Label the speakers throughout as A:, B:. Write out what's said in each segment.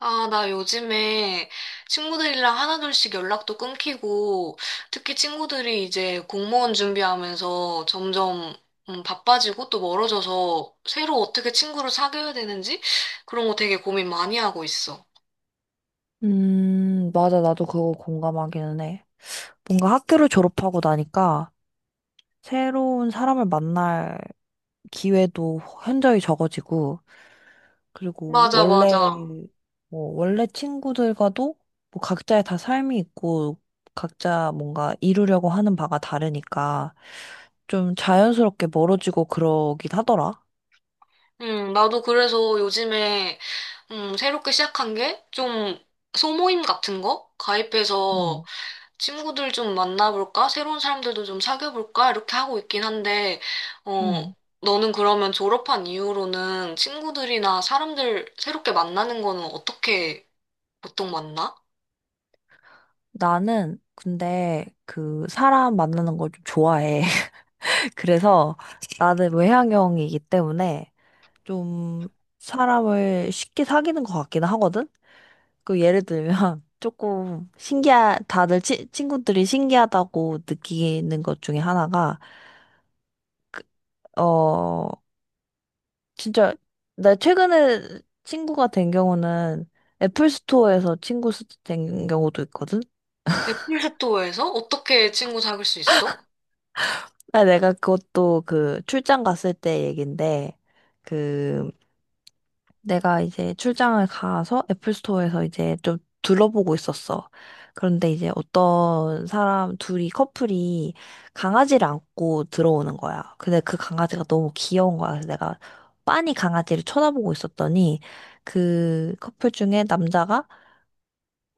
A: 아, 나 요즘에 친구들이랑 하나둘씩 연락도 끊기고, 특히 친구들이 이제 공무원 준비하면서 점점 바빠지고 또 멀어져서 새로 어떻게 친구를 사귀어야 되는지 그런 거 되게 고민 많이 하고 있어.
B: 맞아. 나도 그거 공감하기는 해. 뭔가 학교를 졸업하고 나니까 새로운 사람을 만날 기회도 현저히 적어지고, 그리고
A: 맞아, 맞아.
B: 원래 친구들과도 각자의 다 삶이 있고, 각자 뭔가 이루려고 하는 바가 다르니까 좀 자연스럽게 멀어지고 그러긴 하더라.
A: 나도 그래서 요즘에 새롭게 시작한 게 좀 소모임 같은 거 가입해서
B: 음.
A: 친구들 좀 만나볼까? 새로운 사람들도 좀 사귀어볼까? 이렇게 하고 있긴 한데, 어,
B: 음.
A: 너는 그러면 졸업한 이후로는 친구들이나 사람들 새롭게 만나는 거는 어떻게 보통 만나?
B: 나는 근데 그 사람 만나는 걸 좀 좋아해. 그래서 나는 외향형이기 때문에 좀 사람을 쉽게 사귀는 것 같기는 하거든? 그 예를 들면 조금 신기한, 친구들이 신기하다고 느끼는 것 중에 하나가, 어, 진짜, 나 최근에 친구가 된 경우는 애플 스토어에서 된 경우도 있거든?
A: 애플스토어에서 어떻게 친구 사귈 수 있어?
B: 아, 내가 그것도 그 출장 갔을 때 얘긴데, 그 내가 이제 출장을 가서 애플 스토어에서 이제 좀 둘러보고 있었어. 그런데 이제 어떤 사람 둘이 커플이 강아지를 안고 들어오는 거야. 근데 그 강아지가 너무 귀여운 거야. 그래서 내가 빤히 강아지를 쳐다보고 있었더니 그 커플 중에 남자가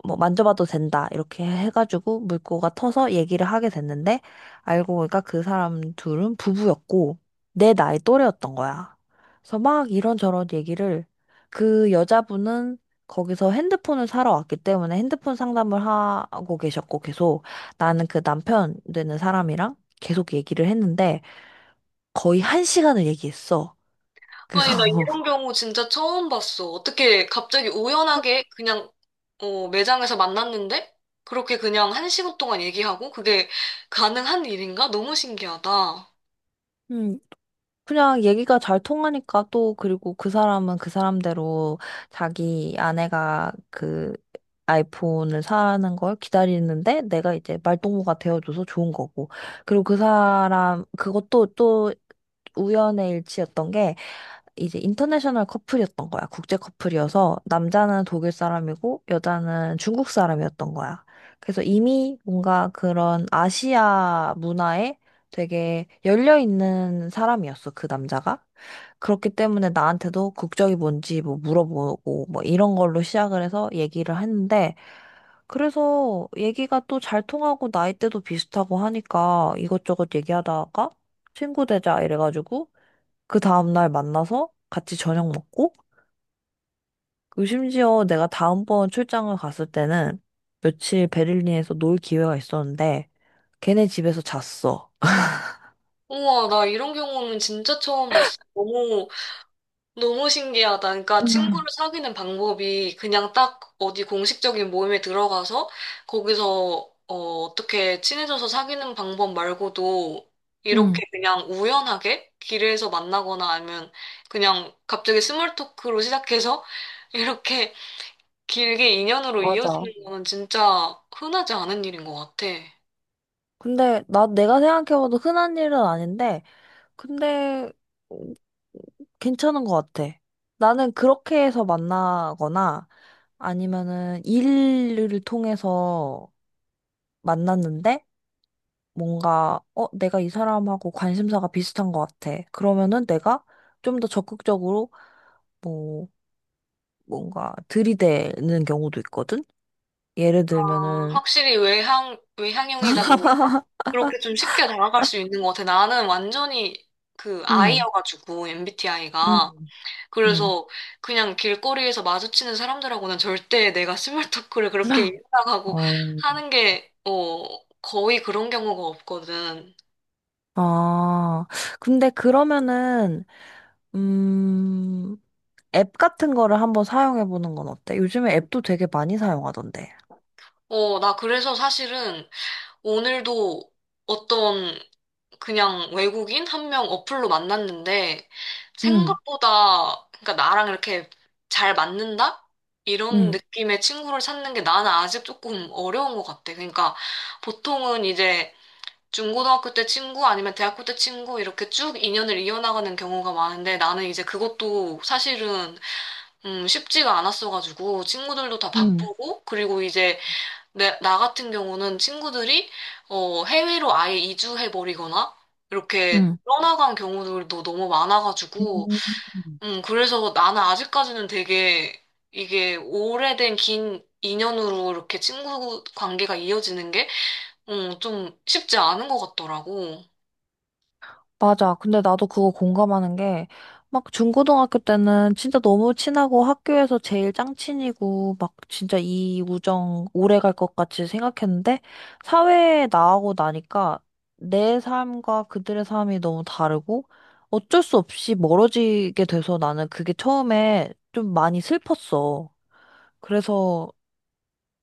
B: 뭐 만져봐도 된다 이렇게 해가지고 물고가 터서 얘기를 하게 됐는데, 알고 보니까 그 사람 둘은 부부였고 내 나이 또래였던 거야. 그래서 막 이런저런 얘기를, 그 여자분은 거기서 핸드폰을 사러 왔기 때문에 핸드폰 상담을 하고 계셨고, 계속 나는 그 남편 되는 사람이랑 계속 얘기를 했는데 거의 한 시간을 얘기했어. 그래서
A: 아니, 나 이런 경우 진짜 처음 봤어. 어떻게 갑자기 우연하게 그냥, 어, 매장에서 만났는데? 그렇게 그냥 한 시간 동안 얘기하고? 그게 가능한 일인가? 너무 신기하다.
B: 그냥 얘기가 잘 통하니까. 또 그리고 그 사람은 그 사람대로 자기 아내가 아이폰을 사는 걸 기다리는데 내가 이제 말동무가 되어줘서 좋은 거고. 그리고 그 사람 그것도 또 우연의 일치였던 게, 이제 인터내셔널 커플이었던 거야. 국제 커플이어서 남자는 독일 사람이고 여자는 중국 사람이었던 거야. 그래서 이미 뭔가 그런 아시아 문화에 되게 열려 있는 사람이었어, 그 남자가. 그렇기 때문에 나한테도 국적이 뭔지 뭐 물어보고 뭐 이런 걸로 시작을 해서 얘기를 했는데, 그래서 얘기가 또 잘 통하고 나이대도 비슷하고 하니까 이것저것 얘기하다가 친구 되자 이래가지고 그 다음날 만나서 같이 저녁 먹고, 그 심지어 내가 다음번 출장을 갔을 때는 며칠 베를린에서 놀 기회가 있었는데, 걔네 집에서 잤어.
A: 우와, 나 이런 경우는 진짜 처음 봤어. 너무, 너무 신기하다. 그러니까
B: 음.
A: 친구를 사귀는 방법이 그냥 딱 어디 공식적인 모임에 들어가서 거기서 어떻게 친해져서 사귀는 방법 말고도
B: 응.
A: 이렇게 그냥 우연하게 길에서 만나거나 아니면 그냥 갑자기 스몰 토크로 시작해서 이렇게 길게 인연으로
B: 맞아.
A: 이어지는 거는 진짜 흔하지 않은 일인 것 같아.
B: 근데 나 내가 생각해봐도 흔한 일은 아닌데, 근데 음, 괜찮은 것 같아. 나는 그렇게 해서 만나거나 아니면은 일을 통해서 만났는데, 뭔가, 내가 이 사람하고 관심사가 비슷한 것 같아. 그러면은 내가 좀 더 적극적으로, 뭐, 뭔가 들이대는 경우도 있거든? 예를
A: 아,
B: 들면은,
A: 확실히 외향형이다 보니까 그렇게 좀 쉽게 다가갈 수 있는 것 같아. 나는 완전히 그
B: 음.
A: I여가지고, MBTI가.
B: 음. 음.
A: 그래서 그냥 길거리에서 마주치는 사람들하고는 절대 내가 스몰 토크를 그렇게 인사하고
B: 어,
A: 하는 게, 어, 거의 그런 경우가 없거든.
B: 아, 근데 그러면은, 음, 앱 같은 거를 한번 사용해 보는 건 어때? 요즘에 앱도 되게 많이 사용하던데.
A: 어, 나 그래서 사실은 오늘도 어떤 그냥 외국인 한 명 어플로 만났는데
B: 응.
A: 생각보다 그러니까 나랑 이렇게 잘 맞는다? 이런
B: 응.
A: 느낌의 친구를 찾는 게 나는 아직 조금 어려운 것 같아. 그러니까 보통은 이제 중고등학교 때 친구 아니면 대학교 때 친구 이렇게 쭉 인연을 이어나가는 경우가 많은데 나는 이제 그것도 사실은 쉽지가 않았어가지고 친구들도 다
B: 음.
A: 바쁘고 그리고 이제 나 같은 경우는 친구들이 어, 해외로 아예 이주해버리거나 이렇게
B: 응.
A: 떠나간 경우들도 너무 많아가지고,
B: 음.
A: 그래서 나는 아직까지는 되게 이게 오래된 긴 인연으로 이렇게 친구 관계가 이어지는 게, 좀 쉽지 않은 것 같더라고.
B: 맞아. 근데 나도 그거 공감하는 게, 막 중고등학교 때는 진짜 너무 친하고 학교에서 제일 짱친이고, 막 진짜 이 우정 오래 갈 것 같이 생각했는데, 사회에 나가고 나니까 내 삶과 그들의 삶이 너무 다르고, 어쩔 수 없이 멀어지게 돼서 나는 그게 처음에 좀 많이 슬펐어. 그래서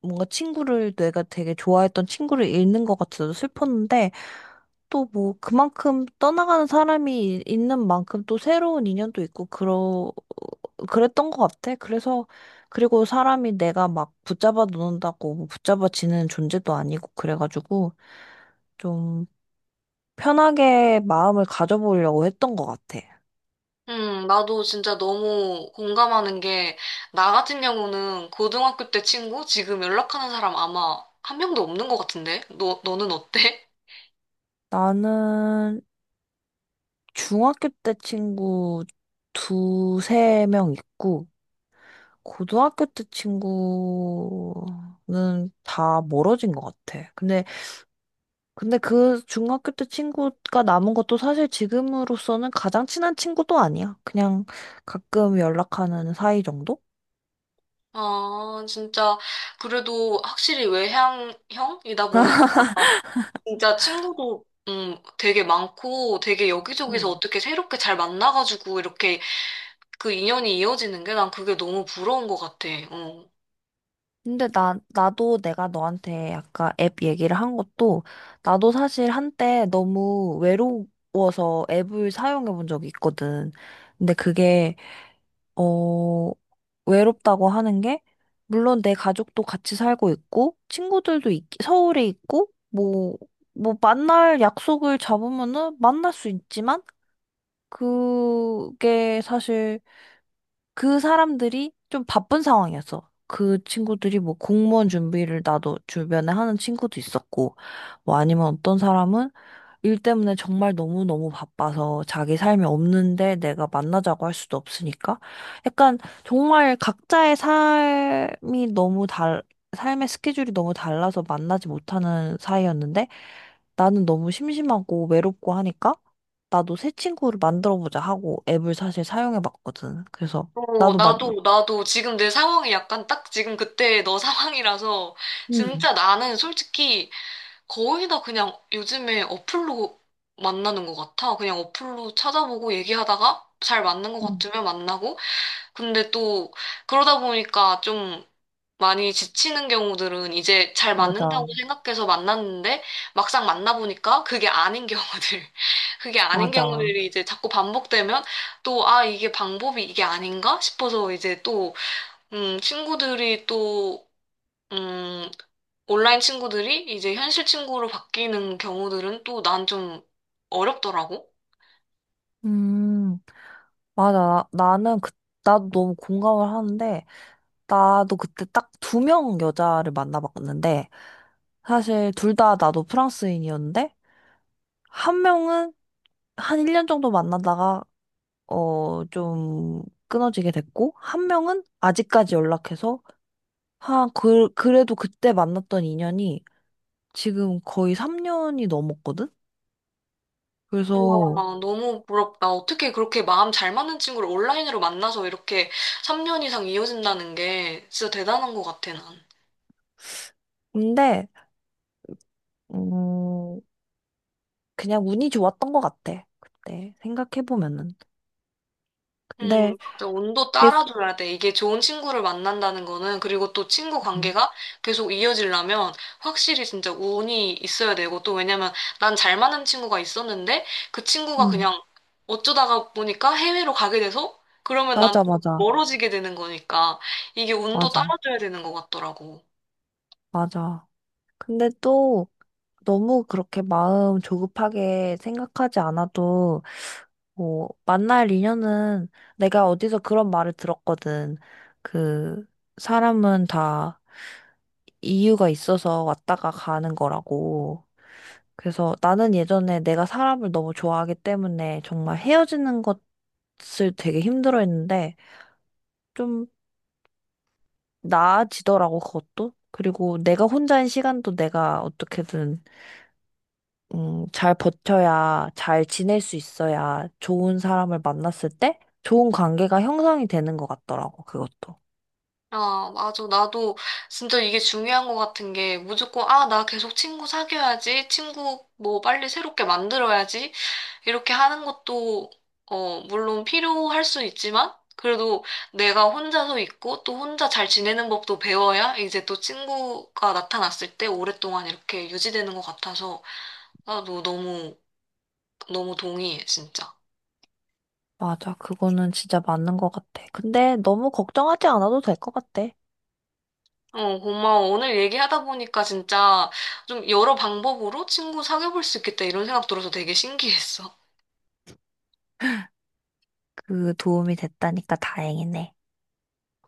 B: 뭔가 친구를, 내가 되게 좋아했던 친구를 잃는 것 같아서 슬펐는데, 또 뭐 그만큼 떠나가는 사람이 있는 만큼 또 새로운 인연도 있고 그러 그랬던 것 같아. 그래서 그리고 사람이 내가 막 붙잡아 놓는다고 뭐 붙잡아지는 존재도 아니고 그래가지고 좀 편하게 마음을 가져보려고 했던 것 같아.
A: 나도 진짜 너무 공감하는 게, 나 같은 경우는 고등학교 때 친구, 지금 연락하는 사람 아마 한 명도 없는 것 같은데? 너는 어때?
B: 나는 중학교 때 친구 두세 명 있고 고등학교 때 친구는 다 멀어진 것 같아. 근데 그 중학교 때 친구가 남은 것도 사실 지금으로서는 가장 친한 친구도 아니야. 그냥 가끔 연락하는 사이 정도?
A: 아, 진짜, 그래도 확실히 외향형이다 보니까, 진짜 친구도, 되게 많고, 되게 여기저기서
B: 음.
A: 어떻게 새롭게 잘 만나가지고, 이렇게 그 인연이 이어지는 게 난 그게 너무 부러운 것 같아. 어.
B: 근데 나도 내가 너한테 아까 앱 얘기를 한 것도 나도 사실 한때 너무 외로워서 앱을 사용해 본 적이 있거든. 근데 그게 어, 외롭다고 하는 게, 물론 내 가족도 같이 살고 있고, 서울에 있고, 만날 약속을 잡으면은 만날 수 있지만, 그게 사실 그 사람들이 좀 바쁜 상황이었어. 그 친구들이 뭐 공무원 준비를 나도 주변에 하는 친구도 있었고, 뭐 아니면 어떤 사람은 일 때문에 정말 너무너무 바빠서 자기 삶이 없는데 내가 만나자고 할 수도 없으니까, 약간 정말 각자의 삶이 너무 달, 삶의 스케줄이 너무 달라서 만나지 못하는 사이였는데, 나는 너무 심심하고 외롭고 하니까 나도 새 친구를 만들어 보자 하고 앱을 사실 사용해 봤거든. 그래서 나도 만,
A: 나도 지금 내 상황이 약간 딱 지금 그때 너 상황이라서,
B: 음.
A: 진짜 나는 솔직히 거의 다 그냥 요즘에 어플로 만나는 것 같아. 그냥 어플로 찾아보고 얘기하다가 잘 맞는 것
B: 음.
A: 같으면 만나고, 근데 또 그러다 보니까 좀 많이 지치는 경우들은 이제 잘 맞는다고
B: 맞아.
A: 생각해서 만났는데 막상 만나보니까 그게 아닌 경우들, 그게 아닌
B: 맞아.
A: 경우들이 이제 자꾸 반복되면 또 아, 이게 방법이 이게 아닌가 싶어서 이제 친구들이 음, 온라인 친구들이 이제 현실 친구로 바뀌는 경우들은 또 난 좀 어렵더라고.
B: 음, 맞아. 나는 나도 너무 공감을 하는데, 나도 그때 딱 두 명 여자를 만나봤는데, 사실 둘 다 나도 프랑스인이었는데, 한 명은 한 1년 정도 만나다가, 좀 끊어지게 됐고, 한 명은 아직까지 연락해서, 그래도 그때 만났던 인연이 지금 거의 3년이 넘었거든?
A: 우와,
B: 그래서,
A: 너무 부럽다. 어떻게 그렇게 마음 잘 맞는 친구를 온라인으로 만나서 이렇게 3년 이상 이어진다는 게 진짜 대단한 것 같아, 난.
B: 근데, 음, 그냥 운이 좋았던 것 같아. 그때 생각해보면은. 근데
A: 맞아. 운도
B: 계속,
A: 따라줘야 돼. 이게 좋은 친구를 만난다는 거는, 그리고 또 친구
B: 음.
A: 관계가 계속 이어지려면 확실히 진짜 운이 있어야 되고, 또 왜냐면 난 잘 맞는 친구가 있었는데, 그 친구가
B: 음.
A: 그냥 어쩌다가 보니까 해외로 가게 돼서, 그러면 난
B: 맞아.
A: 또
B: 맞아.
A: 멀어지게 되는 거니까, 이게 운도
B: 맞아.
A: 따라줘야 되는 것 같더라고.
B: 맞아. 근데 또 너무 그렇게 마음 조급하게 생각하지 않아도, 뭐 만날 인연은, 내가 어디서 그런 말을 들었거든. 그 사람은 다 이유가 있어서 왔다가 가는 거라고. 그래서 나는 예전에 내가 사람을 너무 좋아하기 때문에 정말 헤어지는 것을 되게 힘들어했는데 좀 나아지더라고, 그것도. 그리고 내가 혼자인 시간도 내가 어떻게든 잘 지낼 수 있어야 좋은 사람을 만났을 때 좋은 관계가 형성이 되는 것 같더라고, 그것도.
A: 아, 맞아. 나도 진짜 이게 중요한 것 같은 게 무조건, 아, 나 계속 친구 사귀어야지, 친구 뭐 빨리 새롭게 만들어야지, 이렇게 하는 것도, 어, 물론 필요할 수 있지만, 그래도 내가 혼자서 있고 또 혼자 잘 지내는 법도 배워야 이제 또 친구가 나타났을 때 오랫동안 이렇게 유지되는 것 같아서 나도 너무, 너무 동의해, 진짜.
B: 맞아, 그거는 진짜 맞는 것 같아. 근데 너무 걱정하지 않아도 될 것 같아.
A: 어, 고마워. 오늘 얘기하다 보니까 진짜 좀 여러 방법으로 친구 사귀어볼 수 있겠다 이런 생각 들어서 되게 신기했어.
B: 그 도움이 됐다니까 다행이네.